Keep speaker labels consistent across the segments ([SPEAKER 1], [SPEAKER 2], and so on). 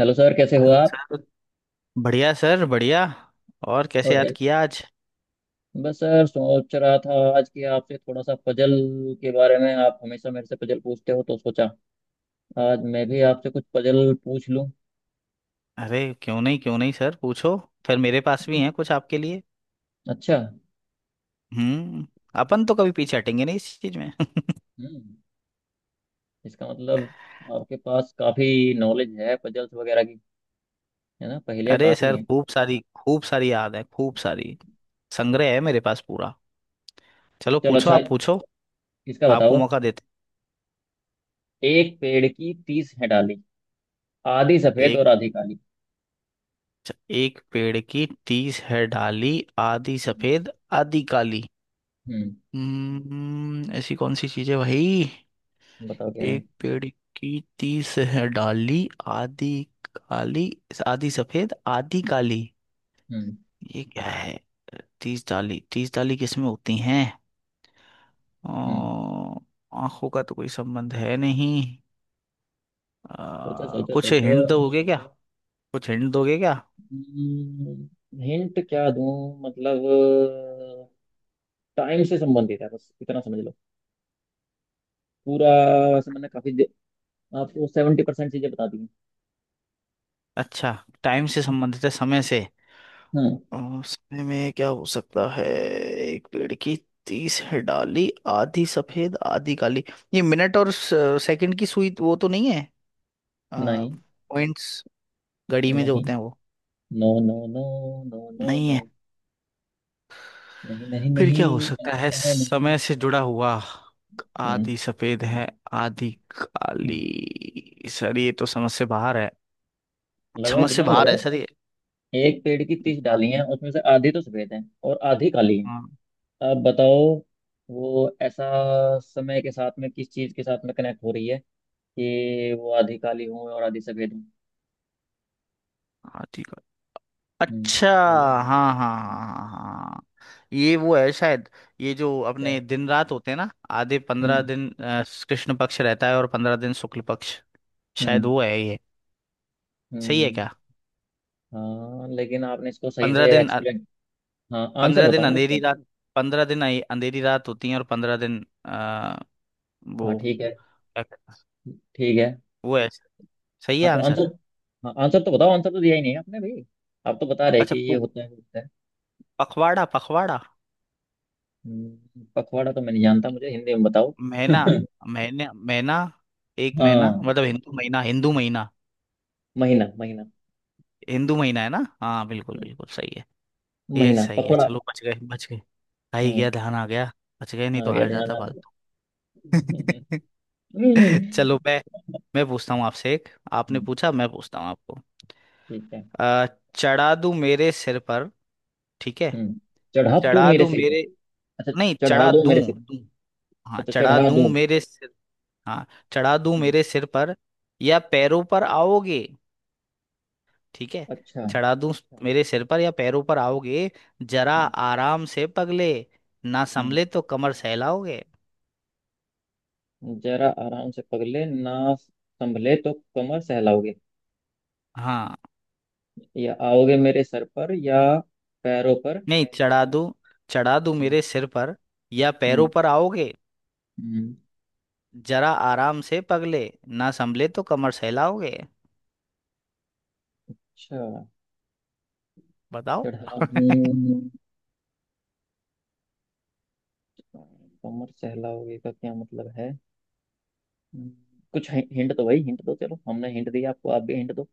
[SPEAKER 1] Hello sir, कैसे हो
[SPEAKER 2] hello
[SPEAKER 1] आप।
[SPEAKER 2] सर। बढ़िया सर बढ़िया। और कैसे
[SPEAKER 1] और क्या।
[SPEAKER 2] याद किया आज?
[SPEAKER 1] बस सर, सोच रहा था आज कि आपसे थोड़ा सा पजल के बारे में। आप हमेशा मेरे से पजल पूछते हो, तो सोचा आज मैं भी आपसे कुछ पजल पूछ लूं।
[SPEAKER 2] अरे क्यों नहीं सर पूछो। फिर मेरे पास भी हैं कुछ आपके लिए।
[SPEAKER 1] अच्छा।
[SPEAKER 2] हम्म। अपन तो कभी पीछे हटेंगे नहीं इस चीज में।
[SPEAKER 1] हम्म। इसका मतलब आपके पास काफी नॉलेज है पजल्स वगैरह की, है ना? पहेलियां
[SPEAKER 2] अरे
[SPEAKER 1] काफी
[SPEAKER 2] सर
[SPEAKER 1] हैं।
[SPEAKER 2] खूब सारी याद है खूब सारी। संग्रह है मेरे पास पूरा। चलो
[SPEAKER 1] चलो,
[SPEAKER 2] पूछो
[SPEAKER 1] अच्छा।
[SPEAKER 2] आप पूछो।
[SPEAKER 1] इसका
[SPEAKER 2] आपको
[SPEAKER 1] बताओ।
[SPEAKER 2] मौका देते
[SPEAKER 1] एक पेड़ की 30 है डाली, आधी
[SPEAKER 2] हैं।
[SPEAKER 1] सफेद
[SPEAKER 2] एक
[SPEAKER 1] और आधी काली।
[SPEAKER 2] एक पेड़ की 30 है डाली आधी सफेद आधी काली।
[SPEAKER 1] हम्म।
[SPEAKER 2] हम्म। ऐसी कौन सी चीज है भाई?
[SPEAKER 1] बताओ क्या है।
[SPEAKER 2] एक पेड़ की तीस है डाली आधी काली आधी सफेद आधी काली।
[SPEAKER 1] हम्म।
[SPEAKER 2] ये क्या है? 30 डाली 30 डाली किसमें होती हैं?
[SPEAKER 1] हम्म।
[SPEAKER 2] अ, आंखों का तो कोई संबंध है नहीं।
[SPEAKER 1] सोचो, सोचो,
[SPEAKER 2] कुछ
[SPEAKER 1] सोचो।
[SPEAKER 2] हिंट दोगे क्या? कुछ हिंट दोगे क्या?
[SPEAKER 1] हिंट क्या दूं? मतलब, टाइम से संबंधित है, बस इतना समझ लो। पूरा। वैसे मैंने काफी आपको 70% चीजें बता दी हैं।
[SPEAKER 2] अच्छा। टाइम से संबंधित है समय से।
[SPEAKER 1] हाँ।
[SPEAKER 2] अ, समय में क्या हो सकता है? एक पेड़ की तीस है डाली आधी सफेद आधी काली। ये मिनट और सेकंड की सुई वो तो नहीं है?
[SPEAKER 1] नहीं,
[SPEAKER 2] पॉइंट्स घड़ी में जो
[SPEAKER 1] नहीं।
[SPEAKER 2] होते हैं वो?
[SPEAKER 1] No, no, no. No, no,
[SPEAKER 2] नहीं
[SPEAKER 1] नो।
[SPEAKER 2] है।
[SPEAKER 1] नहीं, नहीं,
[SPEAKER 2] फिर
[SPEAKER 1] नहीं।
[SPEAKER 2] क्या हो सकता है
[SPEAKER 1] ऐसा है नहीं।
[SPEAKER 2] समय से जुड़ा हुआ?
[SPEAKER 1] हम्म।
[SPEAKER 2] आधी सफेद है आधी
[SPEAKER 1] नहीं।
[SPEAKER 2] काली सर ये तो समझ से बाहर है।
[SPEAKER 1] लगाओ,
[SPEAKER 2] समझ से
[SPEAKER 1] दिमाग
[SPEAKER 2] बाहर है
[SPEAKER 1] लगाओ।
[SPEAKER 2] सर ये।
[SPEAKER 1] एक पेड़ की तीस
[SPEAKER 2] हाँ।
[SPEAKER 1] डाली हैं, उसमें से आधी तो सफेद है और आधी काली है।
[SPEAKER 2] हाँ,
[SPEAKER 1] अब बताओ। वो ऐसा, समय के साथ में किस चीज के साथ में कनेक्ट हो रही है कि वो आधी काली हूँ और आधी सफेद हूँ।
[SPEAKER 2] आधी काली
[SPEAKER 1] हम्म।
[SPEAKER 2] अच्छा।
[SPEAKER 1] बोलो
[SPEAKER 2] हाँ हाँ हाँ हाँ। ये वो है शायद। ये जो
[SPEAKER 1] क्या।
[SPEAKER 2] अपने दिन रात होते हैं ना आधे 15
[SPEAKER 1] हम्म।
[SPEAKER 2] दिन कृष्ण पक्ष रहता है और 15 दिन शुक्ल पक्ष। शायद
[SPEAKER 1] हम्म।
[SPEAKER 2] वो है ये। सही है
[SPEAKER 1] हम्म,
[SPEAKER 2] क्या?
[SPEAKER 1] हाँ लेकिन आपने इसको सही
[SPEAKER 2] 15
[SPEAKER 1] से
[SPEAKER 2] दिन।
[SPEAKER 1] एक्सप्लेन। हाँ, आंसर
[SPEAKER 2] 15 दिन
[SPEAKER 1] बताओ ना
[SPEAKER 2] अंधेरी
[SPEAKER 1] इसका।
[SPEAKER 2] रात। 15 दिन अंधेरी रात होती है और 15 दिन
[SPEAKER 1] हाँ,
[SPEAKER 2] वो
[SPEAKER 1] ठीक है।
[SPEAKER 2] क्या कहते हैं?
[SPEAKER 1] ठीक है।
[SPEAKER 2] वो है। सही है
[SPEAKER 1] हाँ तो आंसर।
[SPEAKER 2] आंसर।
[SPEAKER 1] हाँ, आंसर तो बताओ, आंसर तो दिया ही नहीं है आपने भाई। आप तो बता रहे कि
[SPEAKER 2] अच्छा
[SPEAKER 1] ये होता है वो होता है।
[SPEAKER 2] पखवाड़ा पखवाड़ा।
[SPEAKER 1] पखवाड़ा तो मैं नहीं जानता, मुझे हिंदी में बताओ।
[SPEAKER 2] महीना महीने महीना। एक महीना
[SPEAKER 1] हाँ।
[SPEAKER 2] मतलब हिंदू महीना हिंदू महीना।
[SPEAKER 1] महीना, महीना।
[SPEAKER 2] हिंदू महीना है ना हाँ बिल्कुल
[SPEAKER 1] हम्म,
[SPEAKER 2] बिल्कुल सही है। ये
[SPEAKER 1] महीना,
[SPEAKER 2] सही है
[SPEAKER 1] पखवाड़ा।
[SPEAKER 2] चलो बच गए बच गए। आ ही
[SPEAKER 1] हम्म,
[SPEAKER 2] गया ध्यान आ गया। बच गए नहीं
[SPEAKER 1] आ
[SPEAKER 2] तो
[SPEAKER 1] गया,
[SPEAKER 2] हार
[SPEAKER 1] ध्यान
[SPEAKER 2] जाता
[SPEAKER 1] आ गया।
[SPEAKER 2] फालतू।
[SPEAKER 1] हम्म,
[SPEAKER 2] चलो मैं पूछता हूँ आपसे एक आपने पूछा मैं पूछता हूँ आपको।
[SPEAKER 1] ठीक है।
[SPEAKER 2] अ, चढ़ा दूं मेरे सिर पर। ठीक है।
[SPEAKER 1] हम्म। चढ़ा तू
[SPEAKER 2] चढ़ा
[SPEAKER 1] मेरे
[SPEAKER 2] दूं
[SPEAKER 1] से।
[SPEAKER 2] मेरे
[SPEAKER 1] अच्छा,
[SPEAKER 2] नहीं
[SPEAKER 1] चढ़ा
[SPEAKER 2] चढ़ा
[SPEAKER 1] दो
[SPEAKER 2] दूं
[SPEAKER 1] मेरे सिर।
[SPEAKER 2] दूं हाँ
[SPEAKER 1] अच्छा,
[SPEAKER 2] चढ़ा
[SPEAKER 1] चढ़ा
[SPEAKER 2] दूं
[SPEAKER 1] दूं।
[SPEAKER 2] मेरे सिर। हाँ चढ़ा दूं
[SPEAKER 1] हम्म,
[SPEAKER 2] मेरे सिर पर या पैरों पर आओगे। ठीक है।
[SPEAKER 1] अच्छा।
[SPEAKER 2] चढ़ा दूं मेरे सिर पर या पैरों पर आओगे। जरा
[SPEAKER 1] हम्म।
[SPEAKER 2] आराम से पगले ना
[SPEAKER 1] हम्म।
[SPEAKER 2] संभले तो कमर सहलाओगे।
[SPEAKER 1] जरा आराम से पगले, ना संभले तो कमर सहलाओगे।
[SPEAKER 2] हाँ।
[SPEAKER 1] या आओगे मेरे सर पर या पैरों पर?
[SPEAKER 2] नहीं चढ़ा दूं। चढ़ा दूं
[SPEAKER 1] हम्म।
[SPEAKER 2] मेरे सिर पर या पैरों पर आओगे।
[SPEAKER 1] हम्म।
[SPEAKER 2] जरा आराम से पगले ना संभले तो कमर सहलाओगे।
[SPEAKER 1] अच्छा,
[SPEAKER 2] बताओ।
[SPEAKER 1] चढ़ा दूं। कमर सहलाओगे का क्या मतलब है? हम्म। कुछ हिंट दो भाई, हिंट दो। चलो, हमने हिंट दिया आपको, आप भी हिंट दो।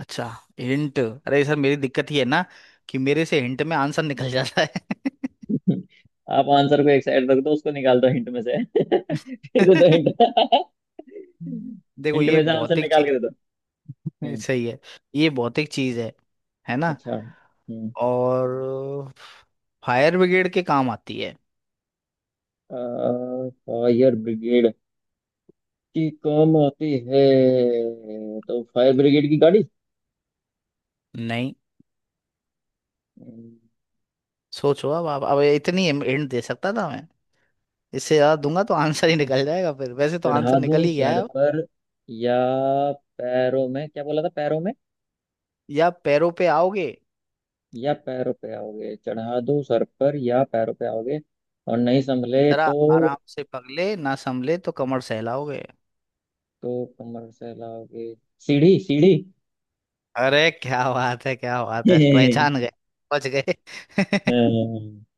[SPEAKER 2] अच्छा। हिंट अरे सर मेरी दिक्कत ही है ना कि मेरे से हिंट में आंसर निकल जाता है।
[SPEAKER 1] आप आंसर को एक साइड रख दो, उसको निकाल दो हिंट में से। फिर दे दो हिंट।
[SPEAKER 2] देखो
[SPEAKER 1] हिंट
[SPEAKER 2] ये
[SPEAKER 1] में से आंसर
[SPEAKER 2] भौतिक
[SPEAKER 1] निकाल के
[SPEAKER 2] चीज।
[SPEAKER 1] दे दो। हम्म।
[SPEAKER 2] सही है। ये भौतिक चीज है ना।
[SPEAKER 1] अच्छा। हम्म।
[SPEAKER 2] और फायर ब्रिगेड के काम आती है।
[SPEAKER 1] फायर ब्रिगेड की काम आती है? तो फायर ब्रिगेड की गाड़ी।
[SPEAKER 2] नहीं।
[SPEAKER 1] हम्म।
[SPEAKER 2] सोचो। अब आप अब इतनी हिंट दे सकता था मैं। इससे ज्यादा दूंगा तो आंसर ही निकल जाएगा फिर वैसे तो आंसर
[SPEAKER 1] चढ़ा
[SPEAKER 2] निकल
[SPEAKER 1] दूं
[SPEAKER 2] ही गया
[SPEAKER 1] सर
[SPEAKER 2] है अब।
[SPEAKER 1] पर या पैरों में, क्या बोला था, पैरों में?
[SPEAKER 2] या पैरों पे आओगे
[SPEAKER 1] या पैरों पे आओगे, चढ़ा दूं सर पर या पैरों पे आओगे, और नहीं संभले
[SPEAKER 2] जरा आराम
[SPEAKER 1] तो।
[SPEAKER 2] से पगले ना संभले तो कमर सहलाओगे।
[SPEAKER 1] तो कमर से लाओगे। सीढ़ी, सीढ़ी!
[SPEAKER 2] अरे क्या बात है पहचान गए। पहुंच गए।
[SPEAKER 1] हाँ।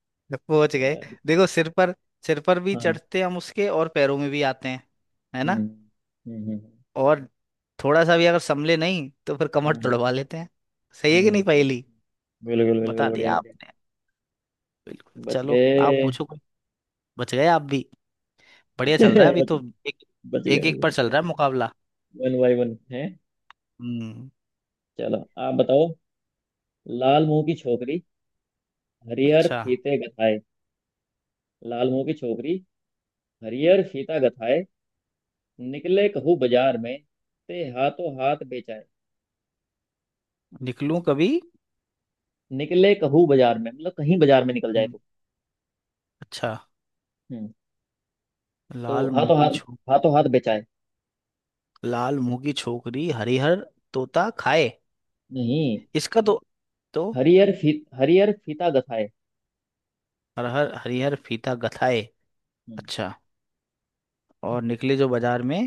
[SPEAKER 2] पहुंच गए। देखो सिर पर भी
[SPEAKER 1] हाँ।
[SPEAKER 2] चढ़ते हैं हम उसके और पैरों में भी आते हैं। है ना।
[SPEAKER 1] हम्म। हम्म। हम्म।
[SPEAKER 2] और थोड़ा सा भी अगर संभले नहीं तो फिर कमर
[SPEAKER 1] हम्म।
[SPEAKER 2] तुड़वा लेते हैं। सही है कि
[SPEAKER 1] हम्म,
[SPEAKER 2] नहीं
[SPEAKER 1] हम्म।
[SPEAKER 2] पहेली?
[SPEAKER 1] बिल्कुल,
[SPEAKER 2] बता
[SPEAKER 1] बिल्कुल,
[SPEAKER 2] दिया
[SPEAKER 1] बढ़िया, बढ़िया।
[SPEAKER 2] आपने। बिल्कुल
[SPEAKER 1] बच
[SPEAKER 2] चलो आप
[SPEAKER 1] गए।
[SPEAKER 2] पूछो कोई। बच गए आप भी। बढ़िया चल रहा है अभी
[SPEAKER 1] बच,
[SPEAKER 2] तो। एक
[SPEAKER 1] बच
[SPEAKER 2] एक, एक पर
[SPEAKER 1] गए।
[SPEAKER 2] चल रहा है मुकाबला।
[SPEAKER 1] वन बाई वन है।
[SPEAKER 2] हम्म।
[SPEAKER 1] चलो, आप बताओ। लाल मुंह की छोकरी, हरिहर
[SPEAKER 2] अच्छा।
[SPEAKER 1] फीते गथाए। लाल मुंह की छोकरी, हरिहर फीता गथाए, निकले कहूँ बाजार में, ते हाथों हाथ बेचाए।
[SPEAKER 2] निकलूं कभी।
[SPEAKER 1] निकले कहूँ बाजार में मतलब कहीं बाजार में निकल जाए
[SPEAKER 2] हम्म।
[SPEAKER 1] तो।
[SPEAKER 2] अच्छा।
[SPEAKER 1] हम्म। तो
[SPEAKER 2] लाल मुंह
[SPEAKER 1] हाथों
[SPEAKER 2] की
[SPEAKER 1] हाथ,
[SPEAKER 2] छू।
[SPEAKER 1] हाथों हाथ बेचाए।
[SPEAKER 2] लाल मुंह की छोकरी हरिहर तोता खाए।
[SPEAKER 1] नहीं।
[SPEAKER 2] इसका तो।
[SPEAKER 1] हरिहर फीता गथाए।
[SPEAKER 2] हरहर हरिहर फीता गथाए।
[SPEAKER 1] हम्म।
[SPEAKER 2] अच्छा। और निकले जो बाजार में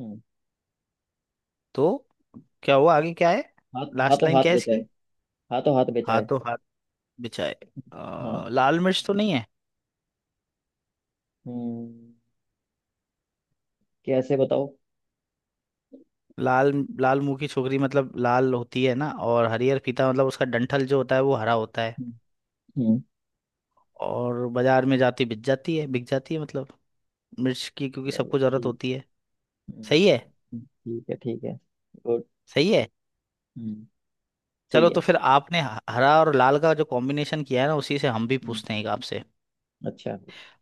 [SPEAKER 1] हम्म।
[SPEAKER 2] तो क्या हुआ आगे क्या है? लास्ट
[SPEAKER 1] हाथों
[SPEAKER 2] लाइन
[SPEAKER 1] हाथ
[SPEAKER 2] क्या है इसकी?
[SPEAKER 1] बेचाए। हाथों हाथ बेचाए।
[SPEAKER 2] हाथों हाथ बिछाए।
[SPEAKER 1] हाँ।
[SPEAKER 2] लाल मिर्च तो नहीं है?
[SPEAKER 1] हम्म। कैसे बताओ।
[SPEAKER 2] लाल लाल मुंह की छोकरी मतलब लाल होती है ना और हरिहर फीता मतलब उसका डंठल जो होता है वो हरा होता है।
[SPEAKER 1] हम्म। हम्म।
[SPEAKER 2] और बाजार में जाती बिक जाती है मतलब। मिर्च की क्योंकि
[SPEAKER 1] चलो
[SPEAKER 2] सबको जरूरत
[SPEAKER 1] ठीक।
[SPEAKER 2] होती है। सही है।
[SPEAKER 1] ठीक है, ठीक है। गुड।
[SPEAKER 2] सही है।
[SPEAKER 1] हम्म,
[SPEAKER 2] चलो
[SPEAKER 1] सही
[SPEAKER 2] तो
[SPEAKER 1] है।
[SPEAKER 2] फिर आपने हरा और लाल का जो कॉम्बिनेशन किया है ना उसी से हम भी
[SPEAKER 1] हम्म।
[SPEAKER 2] पूछते हैं एक आपसे।
[SPEAKER 1] अच्छा।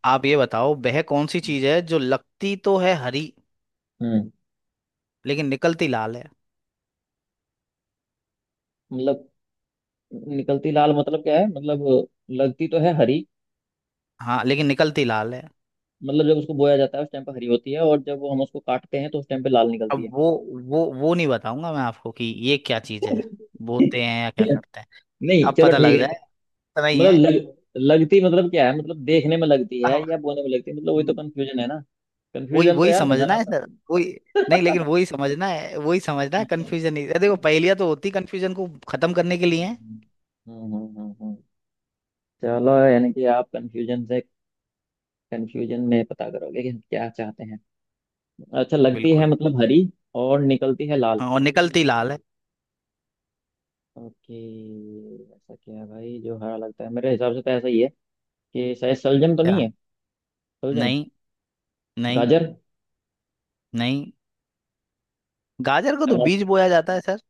[SPEAKER 2] आप ये बताओ वह कौन सी चीज है जो लगती तो है हरी
[SPEAKER 1] हम्म।
[SPEAKER 2] लेकिन निकलती लाल है?
[SPEAKER 1] मतलब, निकलती लाल मतलब क्या है, मतलब लगती तो है हरी,
[SPEAKER 2] हाँ लेकिन निकलती लाल है।
[SPEAKER 1] मतलब जब उसको बोया जाता है उस टाइम पर हरी होती है और जब वो हम उसको काटते हैं तो उस टाइम पे लाल निकलती
[SPEAKER 2] अब
[SPEAKER 1] है।
[SPEAKER 2] वो नहीं बताऊंगा मैं आपको कि ये क्या चीज है। बोते हैं या क्या करते हैं ये
[SPEAKER 1] नहीं,
[SPEAKER 2] अब
[SPEAKER 1] चलो
[SPEAKER 2] पता लग
[SPEAKER 1] ठीक है।
[SPEAKER 2] जाए। इतना ही
[SPEAKER 1] मतलब
[SPEAKER 2] है।
[SPEAKER 1] लग लगती मतलब क्या है, मतलब देखने में लगती है
[SPEAKER 2] अब
[SPEAKER 1] या बोने में लगती है, मतलब वही तो
[SPEAKER 2] हम्म,
[SPEAKER 1] कंफ्यूजन है ना।
[SPEAKER 2] वही
[SPEAKER 1] कंफ्यूजन तो
[SPEAKER 2] वही
[SPEAKER 1] यार
[SPEAKER 2] समझना
[SPEAKER 1] भगाना
[SPEAKER 2] है सर वही। नहीं
[SPEAKER 1] पड़ता।
[SPEAKER 2] लेकिन वही समझना है
[SPEAKER 1] अच्छा।
[SPEAKER 2] कंफ्यूजन नहीं। अरे देखो पहेलियां तो होती कंफ्यूजन को खत्म करने के लिए हैं।
[SPEAKER 1] हम्म। हम्म। हम्म। हम्म। चलो, यानी कि आप कंफ्यूजन से कंफ्यूजन में पता करोगे कि हम क्या चाहते हैं। अच्छा, लगती है
[SPEAKER 2] बिल्कुल।
[SPEAKER 1] मतलब हरी और निकलती है लाल।
[SPEAKER 2] हाँ, और निकलती लाल है।
[SPEAKER 1] ओके। ऐसा क्या है भाई जो हरा लगता है? मेरे हिसाब से तो ऐसा ही है कि शायद सलजम तो नहीं
[SPEAKER 2] क्या?
[SPEAKER 1] है। सलजम?
[SPEAKER 2] नहीं नहीं
[SPEAKER 1] गाजर?
[SPEAKER 2] नहीं। गाजर को तो
[SPEAKER 1] टमाटर?
[SPEAKER 2] बीज बोया जाता है सर।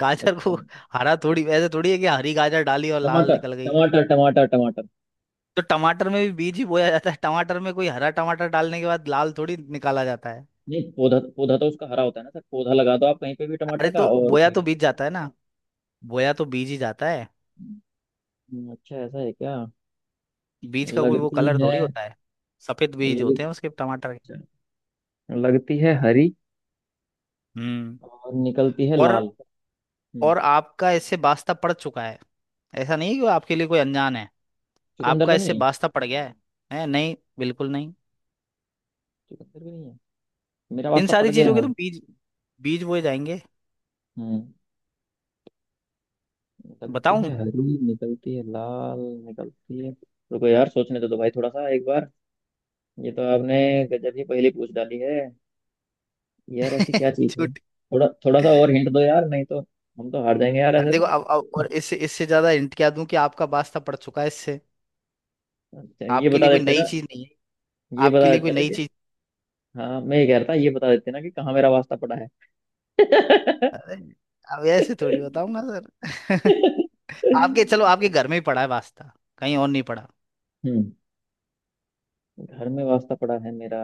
[SPEAKER 2] गाजर
[SPEAKER 1] अच्छा।
[SPEAKER 2] को हरा थोड़ी ऐसे थोड़ी है कि हरी गाजर डाली और लाल
[SPEAKER 1] टमाटर,
[SPEAKER 2] निकल गई।
[SPEAKER 1] टमाटर, टमाटर, टमाटर।
[SPEAKER 2] तो टमाटर में भी बीज ही बोया जाता है टमाटर में कोई हरा टमाटर डालने के बाद लाल थोड़ी निकाला जाता है।
[SPEAKER 1] नहीं, पौधा, पौधा तो उसका हरा होता है ना सर, पौधा लगा दो आप कहीं पे भी
[SPEAKER 2] अरे
[SPEAKER 1] टमाटर का,
[SPEAKER 2] तो
[SPEAKER 1] और
[SPEAKER 2] बोया तो
[SPEAKER 1] फिर।
[SPEAKER 2] बीज जाता है ना। बोया तो बीज ही जाता है।
[SPEAKER 1] अच्छा ऐसा है क्या?
[SPEAKER 2] बीज का कोई वो
[SPEAKER 1] लगती
[SPEAKER 2] कलर
[SPEAKER 1] है।
[SPEAKER 2] थोड़ी होता है। सफेद बीज
[SPEAKER 1] लग,
[SPEAKER 2] होते हैं उसके टमाटर के।
[SPEAKER 1] अच्छा, लगती है हरी
[SPEAKER 2] हम्म।
[SPEAKER 1] और निकलती है
[SPEAKER 2] और
[SPEAKER 1] लाल। हम्म।
[SPEAKER 2] और आपका इससे वास्ता पड़ चुका है। ऐसा नहीं है कि वो आपके लिए कोई अनजान है।
[SPEAKER 1] चुकंदर
[SPEAKER 2] आपका
[SPEAKER 1] तो
[SPEAKER 2] इससे
[SPEAKER 1] नहीं है?
[SPEAKER 2] वास्ता पड़ गया है नहीं बिल्कुल नहीं।
[SPEAKER 1] चुकंदर भी नहीं है। मेरा
[SPEAKER 2] इन
[SPEAKER 1] वास्ता पड़
[SPEAKER 2] सारी
[SPEAKER 1] गया
[SPEAKER 2] चीजों के
[SPEAKER 1] है।
[SPEAKER 2] तो बीज बीज बोए जाएंगे।
[SPEAKER 1] हम्म। निकलती है
[SPEAKER 2] बताऊं।
[SPEAKER 1] हरी, निकलती है लाल, निकलती है। रुको यार, सोचने तो दो भाई थोड़ा सा एक बार। ये तो आपने गजब ही पहले पूछ डाली है। यार ऐसी क्या चीज है?
[SPEAKER 2] छूट।
[SPEAKER 1] थोड़ा, थोड़ा सा और हिंट दो यार, नहीं तो हम तो हार जाएंगे यार
[SPEAKER 2] अब
[SPEAKER 1] ऐसे
[SPEAKER 2] देखो
[SPEAKER 1] तो।
[SPEAKER 2] अब, और इससे इससे ज्यादा हिंट क्या दूं कि आपका वास्ता पड़ चुका है इससे।
[SPEAKER 1] अच्छा, ये
[SPEAKER 2] आपके
[SPEAKER 1] बता
[SPEAKER 2] लिए कोई
[SPEAKER 1] देते
[SPEAKER 2] नई
[SPEAKER 1] ना।
[SPEAKER 2] चीज नहीं है।
[SPEAKER 1] ये
[SPEAKER 2] आपके
[SPEAKER 1] बता
[SPEAKER 2] लिए कोई
[SPEAKER 1] देते ना
[SPEAKER 2] नई
[SPEAKER 1] कि।
[SPEAKER 2] चीज।
[SPEAKER 1] हाँ, मैं ये कह रहा था, ये बता देते ना कि कहाँ मेरा वास्ता पड़ा है।
[SPEAKER 2] अरे अब ऐसे थोड़ी बताऊंगा सर। आपके चलो आपके घर में ही पड़ा है वास्ता। कहीं और नहीं पड़ा।
[SPEAKER 1] हम्म। घर में वास्ता पड़ा है मेरा?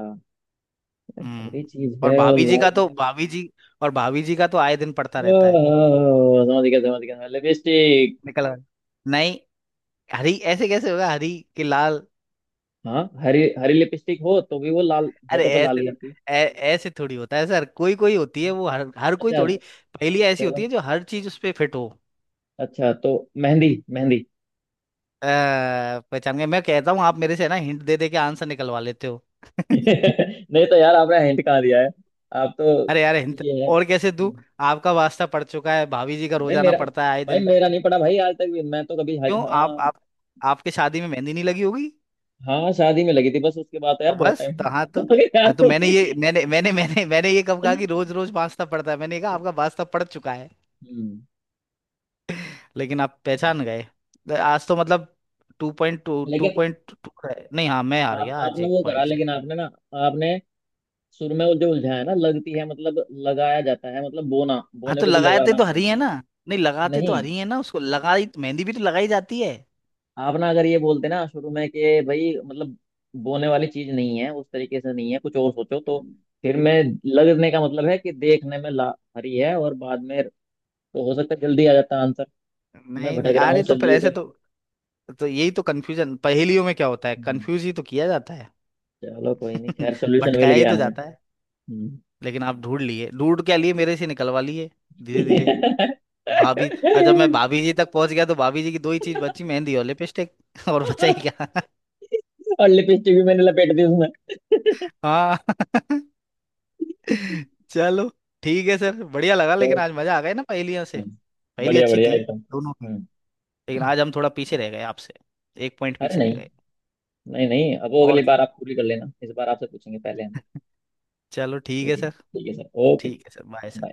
[SPEAKER 1] हरी
[SPEAKER 2] हम्म।
[SPEAKER 1] चीज
[SPEAKER 2] और
[SPEAKER 1] है और
[SPEAKER 2] भाभी जी का
[SPEAKER 1] लाल।
[SPEAKER 2] तो भाभी जी और भाभी जी का तो आए दिन पड़ता रहता है।
[SPEAKER 1] ओह, समझ गया, समझ गया, लिपस्टिक!
[SPEAKER 2] निकल गए। नहीं। हरी ऐसे कैसे होगा हरी के लाल?
[SPEAKER 1] हाँ, हरी, हरी लिपस्टिक हो तो भी वो लाल,
[SPEAKER 2] अरे
[SPEAKER 1] होठों पे लाल
[SPEAKER 2] ऐसे
[SPEAKER 1] ही आती।
[SPEAKER 2] ऐ- ऐसे थोड़ी होता है सर कोई कोई होती है वो हर हर कोई
[SPEAKER 1] अच्छा।
[SPEAKER 2] थोड़ी। पहेली ऐसी होती
[SPEAKER 1] चलो,
[SPEAKER 2] है जो हर चीज उस पे फिट हो।
[SPEAKER 1] अच्छा तो मेहंदी, मेहंदी!
[SPEAKER 2] अ, पहचान गए। मैं कहता हूँ आप मेरे से ना हिंट दे दे के आंसर निकलवा लेते हो।
[SPEAKER 1] नहीं तो यार, आपने हिंट कहाँ दिया है, आप तो
[SPEAKER 2] अरे यार हिंट
[SPEAKER 1] ये है।
[SPEAKER 2] और कैसे दूं? आपका वास्ता पड़ चुका है भाभी जी का
[SPEAKER 1] भाई
[SPEAKER 2] रोजाना
[SPEAKER 1] मेरा
[SPEAKER 2] पड़ता है आए
[SPEAKER 1] भाई
[SPEAKER 2] दिन।
[SPEAKER 1] मेरा नहीं पड़ा भाई, आज तक भी मैं तो कभी
[SPEAKER 2] क्यों आप
[SPEAKER 1] हाँ।
[SPEAKER 2] आप आपके शादी में मेहंदी नहीं लगी होगी?
[SPEAKER 1] हाँ, शादी में लगी थी, बस उसके बाद तो
[SPEAKER 2] तो
[SPEAKER 1] यार बहुत
[SPEAKER 2] बस
[SPEAKER 1] टाइम
[SPEAKER 2] तो हाँ तो
[SPEAKER 1] हो गया यार।
[SPEAKER 2] हाँ तो मैंने ये मैंने मैंने मैंने मैंने ये कब कहा कि रोज रोज वास्ता पड़ता है मैंने कहा आपका वास्ता पड़ चुका है।
[SPEAKER 1] हम्म।
[SPEAKER 2] लेकिन आप पहचान गए। तो आज तो मतलब टू
[SPEAKER 1] लेकिन
[SPEAKER 2] पॉइंट टू है नहीं हाँ मैं हार
[SPEAKER 1] आप
[SPEAKER 2] गया आज
[SPEAKER 1] आपने
[SPEAKER 2] एक
[SPEAKER 1] वो करा,
[SPEAKER 2] पॉइंट से।
[SPEAKER 1] लेकिन आपने सुर में वो जो उलझाया ना, लगती है मतलब लगाया जाता है मतलब बोना,
[SPEAKER 2] हाँ
[SPEAKER 1] बोने
[SPEAKER 2] तो
[SPEAKER 1] को भी
[SPEAKER 2] लगाते
[SPEAKER 1] लगाना
[SPEAKER 2] तो हरी
[SPEAKER 1] बोलते
[SPEAKER 2] है
[SPEAKER 1] हैं।
[SPEAKER 2] ना। नहीं लगाते तो
[SPEAKER 1] नहीं,
[SPEAKER 2] हरी है ना उसको लगाई मेहंदी भी तो लगाई जाती है।
[SPEAKER 1] आप ना अगर ये बोलते ना शुरू में कि भाई मतलब बोने वाली चीज नहीं है उस तरीके से नहीं है, कुछ और सोचो तो फिर मैं। लगने का मतलब है कि देखने में ला हरी है और बाद में, तो हो सकता है जल्दी आ जाता आंसर। मैं
[SPEAKER 2] नहीं नहीं
[SPEAKER 1] भटक रहा हूँ
[SPEAKER 2] अरे तो फिर
[SPEAKER 1] सब्जियों
[SPEAKER 2] ऐसे
[SPEAKER 1] पे।
[SPEAKER 2] तो। तो यही तो कंफ्यूजन पहेलियों में क्या होता है
[SPEAKER 1] हम्म,
[SPEAKER 2] कंफ्यूज ही तो किया जाता है।
[SPEAKER 1] चलो कोई नहीं, खैर सोल्यूशन मिल
[SPEAKER 2] भटकाया ही
[SPEAKER 1] गया
[SPEAKER 2] तो
[SPEAKER 1] हमें।
[SPEAKER 2] जाता है।
[SPEAKER 1] हम्म।
[SPEAKER 2] लेकिन आप ढूंढ लिए ढूंढ क्या लिए मेरे से निकलवा लिए। धीरे धीरे। भाभी और जब मैं भाभी जी तक पहुंच गया तो भाभी जी की दो ही चीज बची मेहंदी और लिपस्टिक। और बचा ही क्या।
[SPEAKER 1] और लिपस्टिक भी मैंने लपेट दी उसमें।
[SPEAKER 2] हाँ चलो ठीक है सर। बढ़िया लगा लेकिन आज मजा आ गया ना पहेलियों से।
[SPEAKER 1] हाँ,
[SPEAKER 2] पहेली
[SPEAKER 1] बढ़िया,
[SPEAKER 2] अच्छी
[SPEAKER 1] बढ़िया
[SPEAKER 2] थी
[SPEAKER 1] एकदम।
[SPEAKER 2] दोनों की।
[SPEAKER 1] हम्म।
[SPEAKER 2] लेकिन आज हम थोड़ा पीछे रह गए आपसे। एक पॉइंट
[SPEAKER 1] अरे
[SPEAKER 2] पीछे रह
[SPEAKER 1] नहीं,
[SPEAKER 2] गए।
[SPEAKER 1] नहीं, नहीं, अब वो
[SPEAKER 2] और
[SPEAKER 1] अगली
[SPEAKER 2] क्या।
[SPEAKER 1] बार आप पूरी कर लेना, इस बार आपसे पूछेंगे पहले हम।
[SPEAKER 2] चलो ठीक है
[SPEAKER 1] ठीक है,
[SPEAKER 2] सर।
[SPEAKER 1] ठीक है सर, ओके।
[SPEAKER 2] ठीक है सर बाय सर।